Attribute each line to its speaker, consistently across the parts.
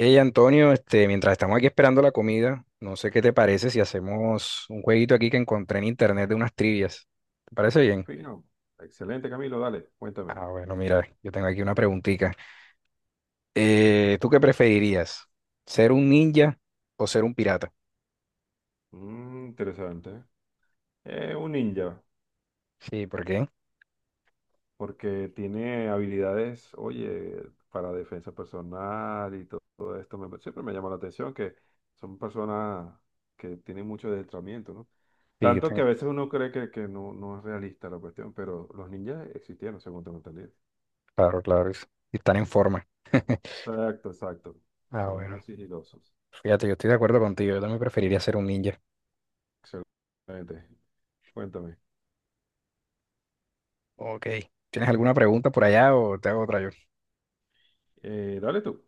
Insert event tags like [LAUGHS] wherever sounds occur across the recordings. Speaker 1: Hey Antonio, mientras estamos aquí esperando la comida, no sé qué te parece si hacemos un jueguito aquí que encontré en internet de unas trivias. ¿Te parece bien?
Speaker 2: Fino. Excelente, Camilo, dale, cuéntame.
Speaker 1: Ah, bueno, mira, yo tengo aquí una preguntita. ¿Tú qué preferirías? ¿Ser un ninja o ser un pirata?
Speaker 2: Interesante. Es un ninja,
Speaker 1: Sí, ¿por qué?
Speaker 2: porque tiene habilidades, oye, para defensa personal y todo, esto. Siempre me llama la atención que son personas que tienen mucho adentramiento, ¿no?
Speaker 1: Sí, yo
Speaker 2: Tanto que
Speaker 1: tengo-
Speaker 2: a veces uno cree que no, no es realista la cuestión, pero los ninjas existieron, según tengo entendido.
Speaker 1: claro, claro, están en forma. [LAUGHS]
Speaker 2: Exacto, exacto.
Speaker 1: Ah,
Speaker 2: Son muy
Speaker 1: bueno,
Speaker 2: sigilosos.
Speaker 1: fíjate, yo estoy de acuerdo contigo, yo también preferiría ser un ninja.
Speaker 2: Excelente. Cuéntame.
Speaker 1: Ok, ¿tienes alguna pregunta por allá o te hago otra yo?
Speaker 2: Dale tú.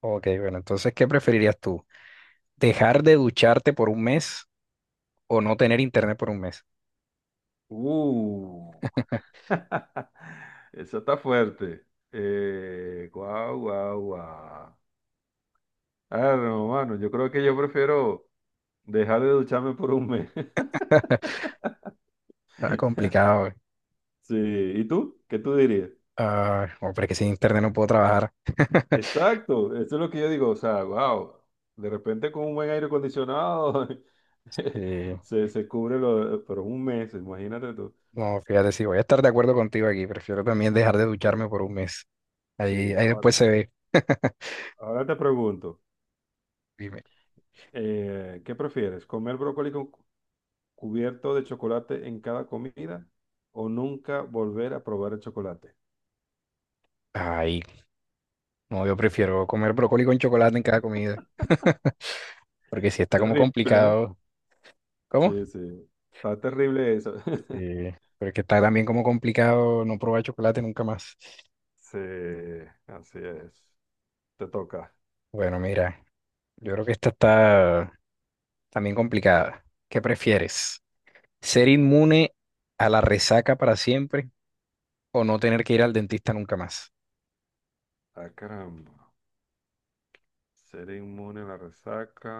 Speaker 1: Ok, bueno, entonces, ¿qué preferirías tú? ¿Dejar de ducharte por un mes o no tener internet por un mes?
Speaker 2: Uh. [LAUGHS] Eso está fuerte. Guau, guau, guau. Ah, no, mano, yo creo que yo prefiero dejar de ducharme por un mes. [LAUGHS]
Speaker 1: [LAUGHS] Ah, complicado.
Speaker 2: Sí, ¿y tú? ¿Qué tú dirías?
Speaker 1: Ah, no, pero es que sin internet no puedo trabajar. [LAUGHS]
Speaker 2: Exacto, eso es lo que yo digo, o sea, wow, de repente con un buen aire acondicionado [LAUGHS]
Speaker 1: Sí.
Speaker 2: se cubre lo, por un mes, imagínate tú.
Speaker 1: No, fíjate, sí, voy a estar de acuerdo contigo aquí. Prefiero también dejar de
Speaker 2: Sí,
Speaker 1: ducharme por un mes. Ahí,
Speaker 2: sí,
Speaker 1: ahí
Speaker 2: ahora,
Speaker 1: después se ve. [LAUGHS]
Speaker 2: ahora te pregunto,
Speaker 1: Dime.
Speaker 2: ¿qué prefieres? ¿Comer brócoli con, cubierto de chocolate en cada comida o nunca volver a probar el chocolate?
Speaker 1: Ay, no, yo prefiero comer brócoli con chocolate en cada comida. [LAUGHS] Porque si está como
Speaker 2: Terrible, ¿no?
Speaker 1: complicado. ¿Cómo?
Speaker 2: Sí, sí. Está terrible eso.
Speaker 1: Sí.
Speaker 2: [LAUGHS]
Speaker 1: Pero es que está también como complicado no probar chocolate nunca más.
Speaker 2: Sí, así es. Te toca.
Speaker 1: Bueno, mira, yo creo que esta está también complicada. ¿Qué prefieres? Ser inmune a la resaca para siempre o no tener que ir al dentista nunca más.
Speaker 2: Ah, caramba. Ser inmune a la resaca.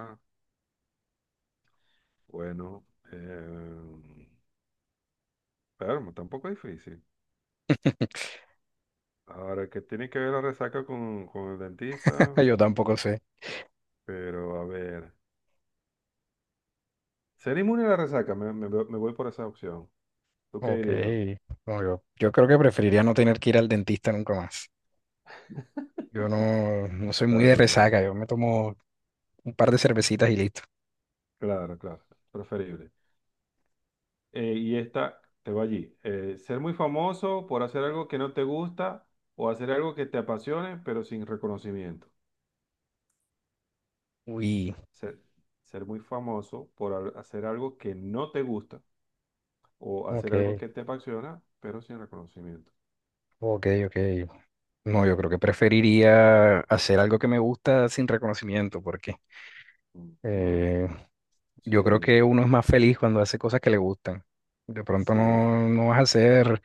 Speaker 2: Bueno, eh, pero tampoco es difícil. Ahora, ¿que tiene que ver la resaca con el dentista?
Speaker 1: [LAUGHS] Yo tampoco sé.
Speaker 2: Pero a ver. Ser inmune a la resaca, me voy por esa opción. ¿Tú qué
Speaker 1: Ok.
Speaker 2: dirías?
Speaker 1: No, yo creo que preferiría no tener que ir al dentista nunca más. Yo no, no soy
Speaker 2: Está
Speaker 1: muy de
Speaker 2: bien, está bien.
Speaker 1: resaca. Yo me tomo un par de cervecitas y listo.
Speaker 2: Claro, claro, preferible. Y esta, te va allí. Ser muy famoso por hacer algo que no te gusta o hacer algo que te apasione, pero sin reconocimiento.
Speaker 1: Uy,
Speaker 2: Ser, ser muy famoso por hacer algo que no te gusta o
Speaker 1: ok,
Speaker 2: hacer algo que te apasiona, pero sin reconocimiento.
Speaker 1: ok, ok. No, yo creo que preferiría hacer algo que me gusta sin reconocimiento, porque
Speaker 2: Ujú.
Speaker 1: Eh,
Speaker 2: Sí,
Speaker 1: yo creo
Speaker 2: bien.
Speaker 1: que uno es más feliz cuando hace cosas que le gustan. De pronto
Speaker 2: Sí,
Speaker 1: no, no vas a ser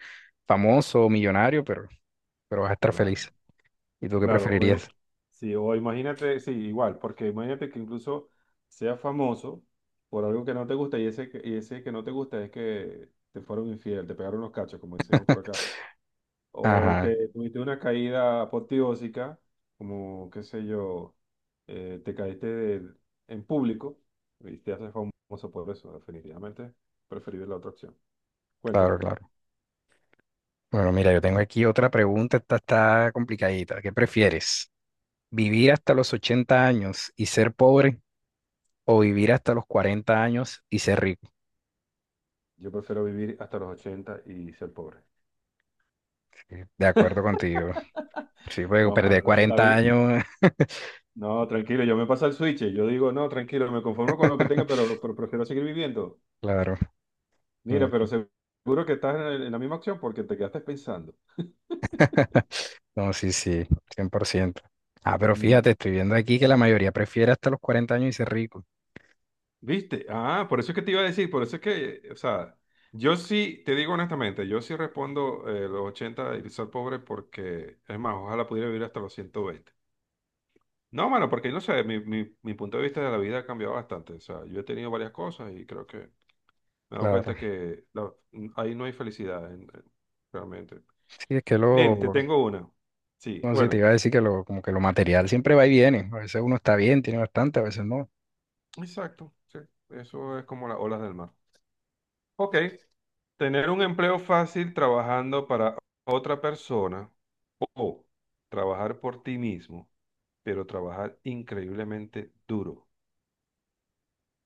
Speaker 1: famoso o millonario, pero vas a estar
Speaker 2: claro.
Speaker 1: feliz. ¿Y tú qué
Speaker 2: Claro,
Speaker 1: preferirías?
Speaker 2: sí, o imagínate, sí, igual, porque imagínate que incluso seas famoso por algo que no te gusta y ese, y ese que no te gusta es que te fueron infiel, te pegaron los cachos, como decimos por acá, o
Speaker 1: Ajá,
Speaker 2: que tuviste una caída apoteósica, como, qué sé yo, te caíste en público y te haces famoso por eso, definitivamente preferible la otra opción.
Speaker 1: claro,
Speaker 2: Cuéntame,
Speaker 1: claro. Bueno, mira, yo tengo aquí otra pregunta, esta está complicadita. ¿Qué prefieres? ¿Vivir hasta los 80 años y ser pobre o vivir hasta los 40 años y ser rico?
Speaker 2: yo prefiero vivir hasta los 80 y ser pobre.
Speaker 1: Sí, de acuerdo contigo.
Speaker 2: [LAUGHS]
Speaker 1: Sí, porque
Speaker 2: No,
Speaker 1: perder
Speaker 2: mano,
Speaker 1: cuarenta años,
Speaker 2: no, tranquilo, yo me paso al switch. Yo digo, no, tranquilo, me conformo con lo que
Speaker 1: [LAUGHS]
Speaker 2: tenga, pero prefiero seguir viviendo.
Speaker 1: claro.
Speaker 2: Mira, pero seguro que estás en, en la misma opción porque te quedaste pensando.
Speaker 1: [LAUGHS] No, sí, sí, 100%. Ah, pero fíjate,
Speaker 2: Mm,
Speaker 1: estoy viendo aquí que la mayoría prefiere hasta los 40 años y ser rico.
Speaker 2: ¿Viste? Ah, por eso es que te iba a decir, por eso es que, o sea, yo sí, te digo honestamente, yo sí respondo los 80 y ser pobre porque, es más, ojalá pudiera vivir hasta los 120. No, mano, porque no sé, mi punto de vista de la vida ha cambiado bastante. O sea, yo he tenido varias cosas y creo que me he dado cuenta
Speaker 1: Claro.
Speaker 2: que ahí no hay felicidad, realmente.
Speaker 1: Sí, es que
Speaker 2: Bien, te
Speaker 1: lo,
Speaker 2: tengo una. Sí,
Speaker 1: no sé, te iba
Speaker 2: bueno,
Speaker 1: a decir que lo, como que lo material siempre va y viene. A veces uno está bien, tiene bastante, a veces no.
Speaker 2: exacto. Sí, eso es como las olas del mar. Ok, tener un empleo fácil trabajando para otra persona o trabajar por ti mismo, pero trabajar increíblemente duro.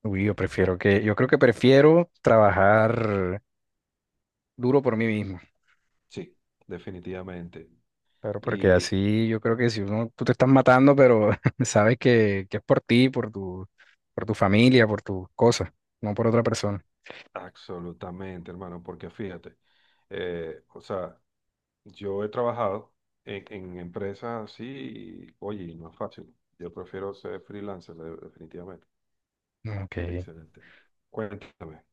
Speaker 1: Uy, yo prefiero que, yo creo que prefiero trabajar duro por mí mismo.
Speaker 2: Sí, definitivamente.
Speaker 1: Claro, porque
Speaker 2: Y.
Speaker 1: así yo creo que si uno, tú te estás matando, pero [LAUGHS] sabes que es por ti, por tu familia, por tus cosas, no por otra persona.
Speaker 2: Absolutamente, hermano, porque fíjate, o sea, yo he trabajado en empresas así, y, oye, y no es fácil. Yo prefiero ser freelancer, definitivamente.
Speaker 1: Ok.
Speaker 2: Excelente. Cuéntame.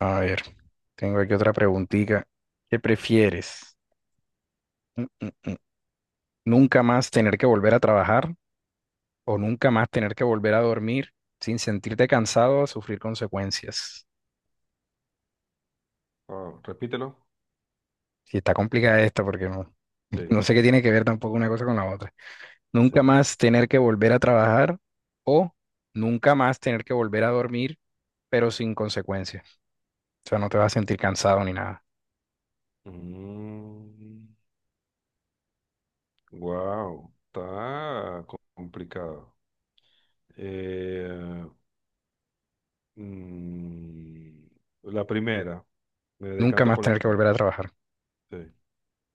Speaker 1: A ver, tengo aquí otra preguntita. ¿Qué prefieres? Mm, mm, mm. ¿Nunca más tener que volver a trabajar o nunca más tener que volver a dormir sin sentirte cansado o sufrir consecuencias?
Speaker 2: Oh, repítelo.
Speaker 1: Sí, está complicada esta porque no, [LAUGHS]
Speaker 2: Sí.
Speaker 1: no sé qué tiene que ver tampoco una cosa con la otra. Nunca
Speaker 2: Sí.
Speaker 1: más tener que volver a trabajar o nunca más tener que volver a dormir, pero sin consecuencias. O sea, no te vas a sentir cansado ni nada.
Speaker 2: Wow, está complicado. Eh, mm, la primera, me
Speaker 1: Nunca
Speaker 2: decanto
Speaker 1: más
Speaker 2: por la
Speaker 1: tener que
Speaker 2: primera.
Speaker 1: volver a trabajar.
Speaker 2: Sí,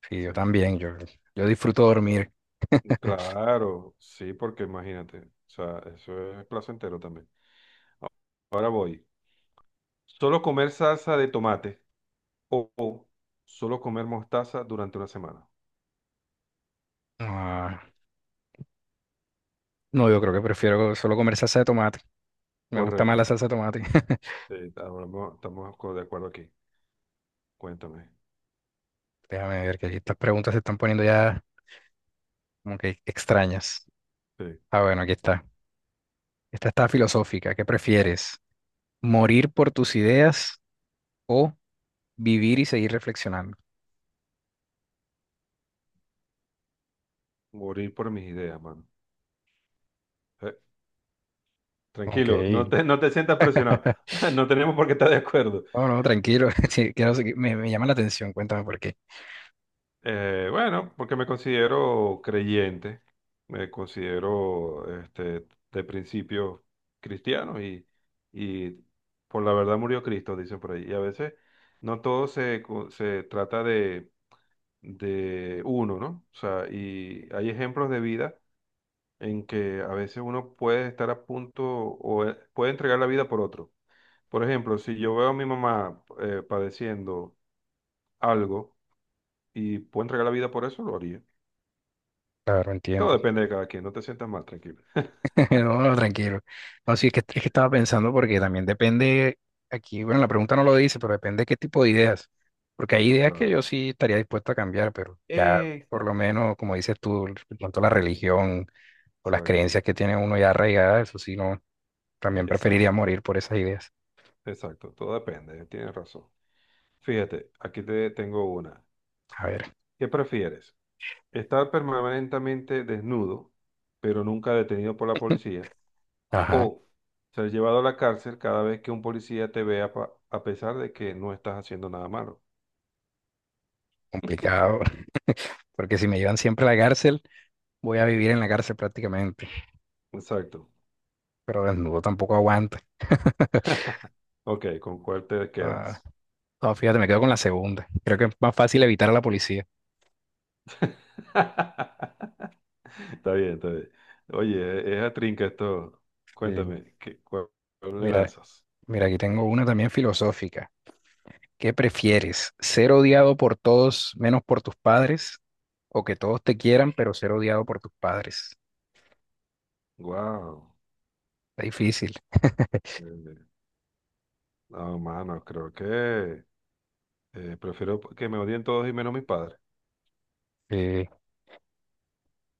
Speaker 1: Sí,
Speaker 2: sí.
Speaker 1: yo también, yo disfruto dormir. [LAUGHS]
Speaker 2: Claro, sí, porque imagínate, o sea, eso es placentero también. A- Ahora voy. Solo comer salsa de tomate o solo comer mostaza durante una semana.
Speaker 1: Ah, no, yo creo que prefiero solo comer salsa de tomate. Me gusta más
Speaker 2: Correcto.
Speaker 1: la salsa de tomate. [LAUGHS]
Speaker 2: Sí, ahora estamos de acuerdo aquí. Cuéntame.
Speaker 1: Déjame ver que aquí estas preguntas se están poniendo ya como que extrañas.
Speaker 2: Sí.
Speaker 1: Ah, bueno, aquí está. Esta está filosófica. ¿Qué prefieres? ¿Morir por tus ideas o vivir y seguir reflexionando?
Speaker 2: Morir por mis ideas, mano. Eh,
Speaker 1: Ok.
Speaker 2: Tranquilo, no te, no te sientas presionado. [LAUGHS]
Speaker 1: [LAUGHS]
Speaker 2: No tenemos por qué estar de acuerdo.
Speaker 1: No, no, tranquilo. [LAUGHS] Sí, quiero seguir- me llama la atención. Cuéntame por qué.
Speaker 2: Bueno, porque me considero creyente, me considero este, de principio cristiano y por la verdad murió Cristo, dicen por ahí. Y a veces no todo se trata de uno, ¿no? O sea, y hay ejemplos de vida en que a veces uno puede estar a punto o puede entregar la vida por otro. Por ejemplo, si yo veo a mi mamá padeciendo algo y puedo entregar la vida por eso, lo haría.
Speaker 1: Claro,
Speaker 2: Todo
Speaker 1: entiendo.
Speaker 2: depende de cada quien, no te sientas mal, tranquilo. [LAUGHS]
Speaker 1: [LAUGHS] No, tranquilo. No, sí, es que estaba pensando porque también depende, aquí, bueno, la pregunta no lo dice, pero depende qué tipo de ideas. Porque hay ideas que
Speaker 2: Claro.
Speaker 1: yo sí estaría dispuesto a cambiar, pero ya por lo
Speaker 2: Exacto.
Speaker 1: menos, como dices tú, de pronto la religión o las
Speaker 2: Exacto,
Speaker 1: creencias que tiene uno ya arraigadas, eso sí, no, también preferiría
Speaker 2: exacto,
Speaker 1: morir por esas ideas.
Speaker 2: exacto, todo depende, tienes razón. Fíjate, aquí te tengo una.
Speaker 1: A ver,
Speaker 2: ¿Qué prefieres? ¿Estar permanentemente desnudo, pero nunca detenido por la policía?
Speaker 1: ajá,
Speaker 2: ¿O ser llevado a la cárcel cada vez que un policía te vea a pesar de que no estás haciendo nada malo?
Speaker 1: complicado, [LAUGHS] porque si me llevan siempre a la cárcel, voy a vivir en la cárcel prácticamente,
Speaker 2: Exacto.
Speaker 1: pero desnudo tampoco aguanta. [LAUGHS]
Speaker 2: Ok, ¿con cuál te quedas?
Speaker 1: No, fíjate, me quedo con la segunda. Creo que es más fácil evitar a la policía.
Speaker 2: [LAUGHS] Está bien, está bien. Oye, es a trinca esto.
Speaker 1: Mm.
Speaker 2: Cuéntame, ¿qué, cuál le
Speaker 1: Mira,
Speaker 2: lanzas?
Speaker 1: mira, aquí tengo una también filosófica. ¿Qué prefieres? ¿Ser odiado por todos menos por tus padres? ¿O que todos te quieran, pero ser odiado por tus padres?
Speaker 2: Wow.
Speaker 1: Está difícil. [LAUGHS]
Speaker 2: No, mano, creo que prefiero que me odien todos y menos mis padres.
Speaker 1: Sí,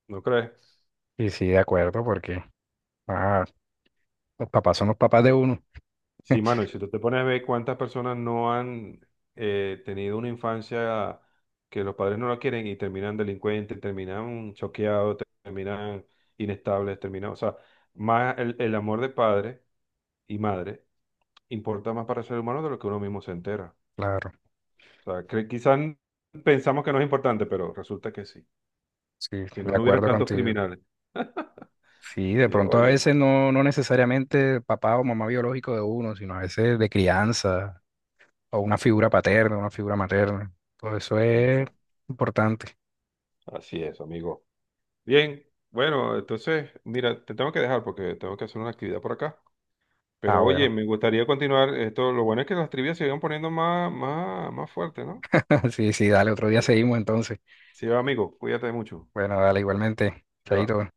Speaker 2: ¿No crees?
Speaker 1: y sí, de acuerdo, porque ah, los papás son los papás de uno.
Speaker 2: Sí, mano, y si tú te pones a ver cuántas personas no han tenido una infancia que los padres no la quieren y terminan delincuentes, terminan choqueados, terminan inestables, terminan, o sea, más el amor de padre y madre importa más para el ser humano de lo que uno mismo se entera.
Speaker 1: Claro,
Speaker 2: O sea, que quizás pensamos que no es importante, pero resulta que sí.
Speaker 1: sí,
Speaker 2: Si no,
Speaker 1: de
Speaker 2: no hubieran
Speaker 1: acuerdo
Speaker 2: tantos
Speaker 1: contigo.
Speaker 2: criminales.
Speaker 1: Sí, de
Speaker 2: Sí,
Speaker 1: pronto a
Speaker 2: oye,
Speaker 1: veces no, no necesariamente papá o mamá biológico de uno, sino a veces de crianza, o una figura paterna, una figura materna. Todo eso es
Speaker 2: eso.
Speaker 1: importante.
Speaker 2: Así es, amigo. Bien, bueno, entonces, mira, te tengo que dejar porque tengo que hacer una actividad por acá.
Speaker 1: Ah,
Speaker 2: Pero oye,
Speaker 1: bueno.
Speaker 2: me gustaría continuar esto. Lo bueno es que las trivias se van poniendo más, más, más fuertes, ¿no?
Speaker 1: [LAUGHS] Sí, sí, dale, otro día seguimos entonces.
Speaker 2: Sí, va, amigo, cuídate mucho.
Speaker 1: Bueno, dale igualmente.
Speaker 2: Se va.
Speaker 1: Chaito.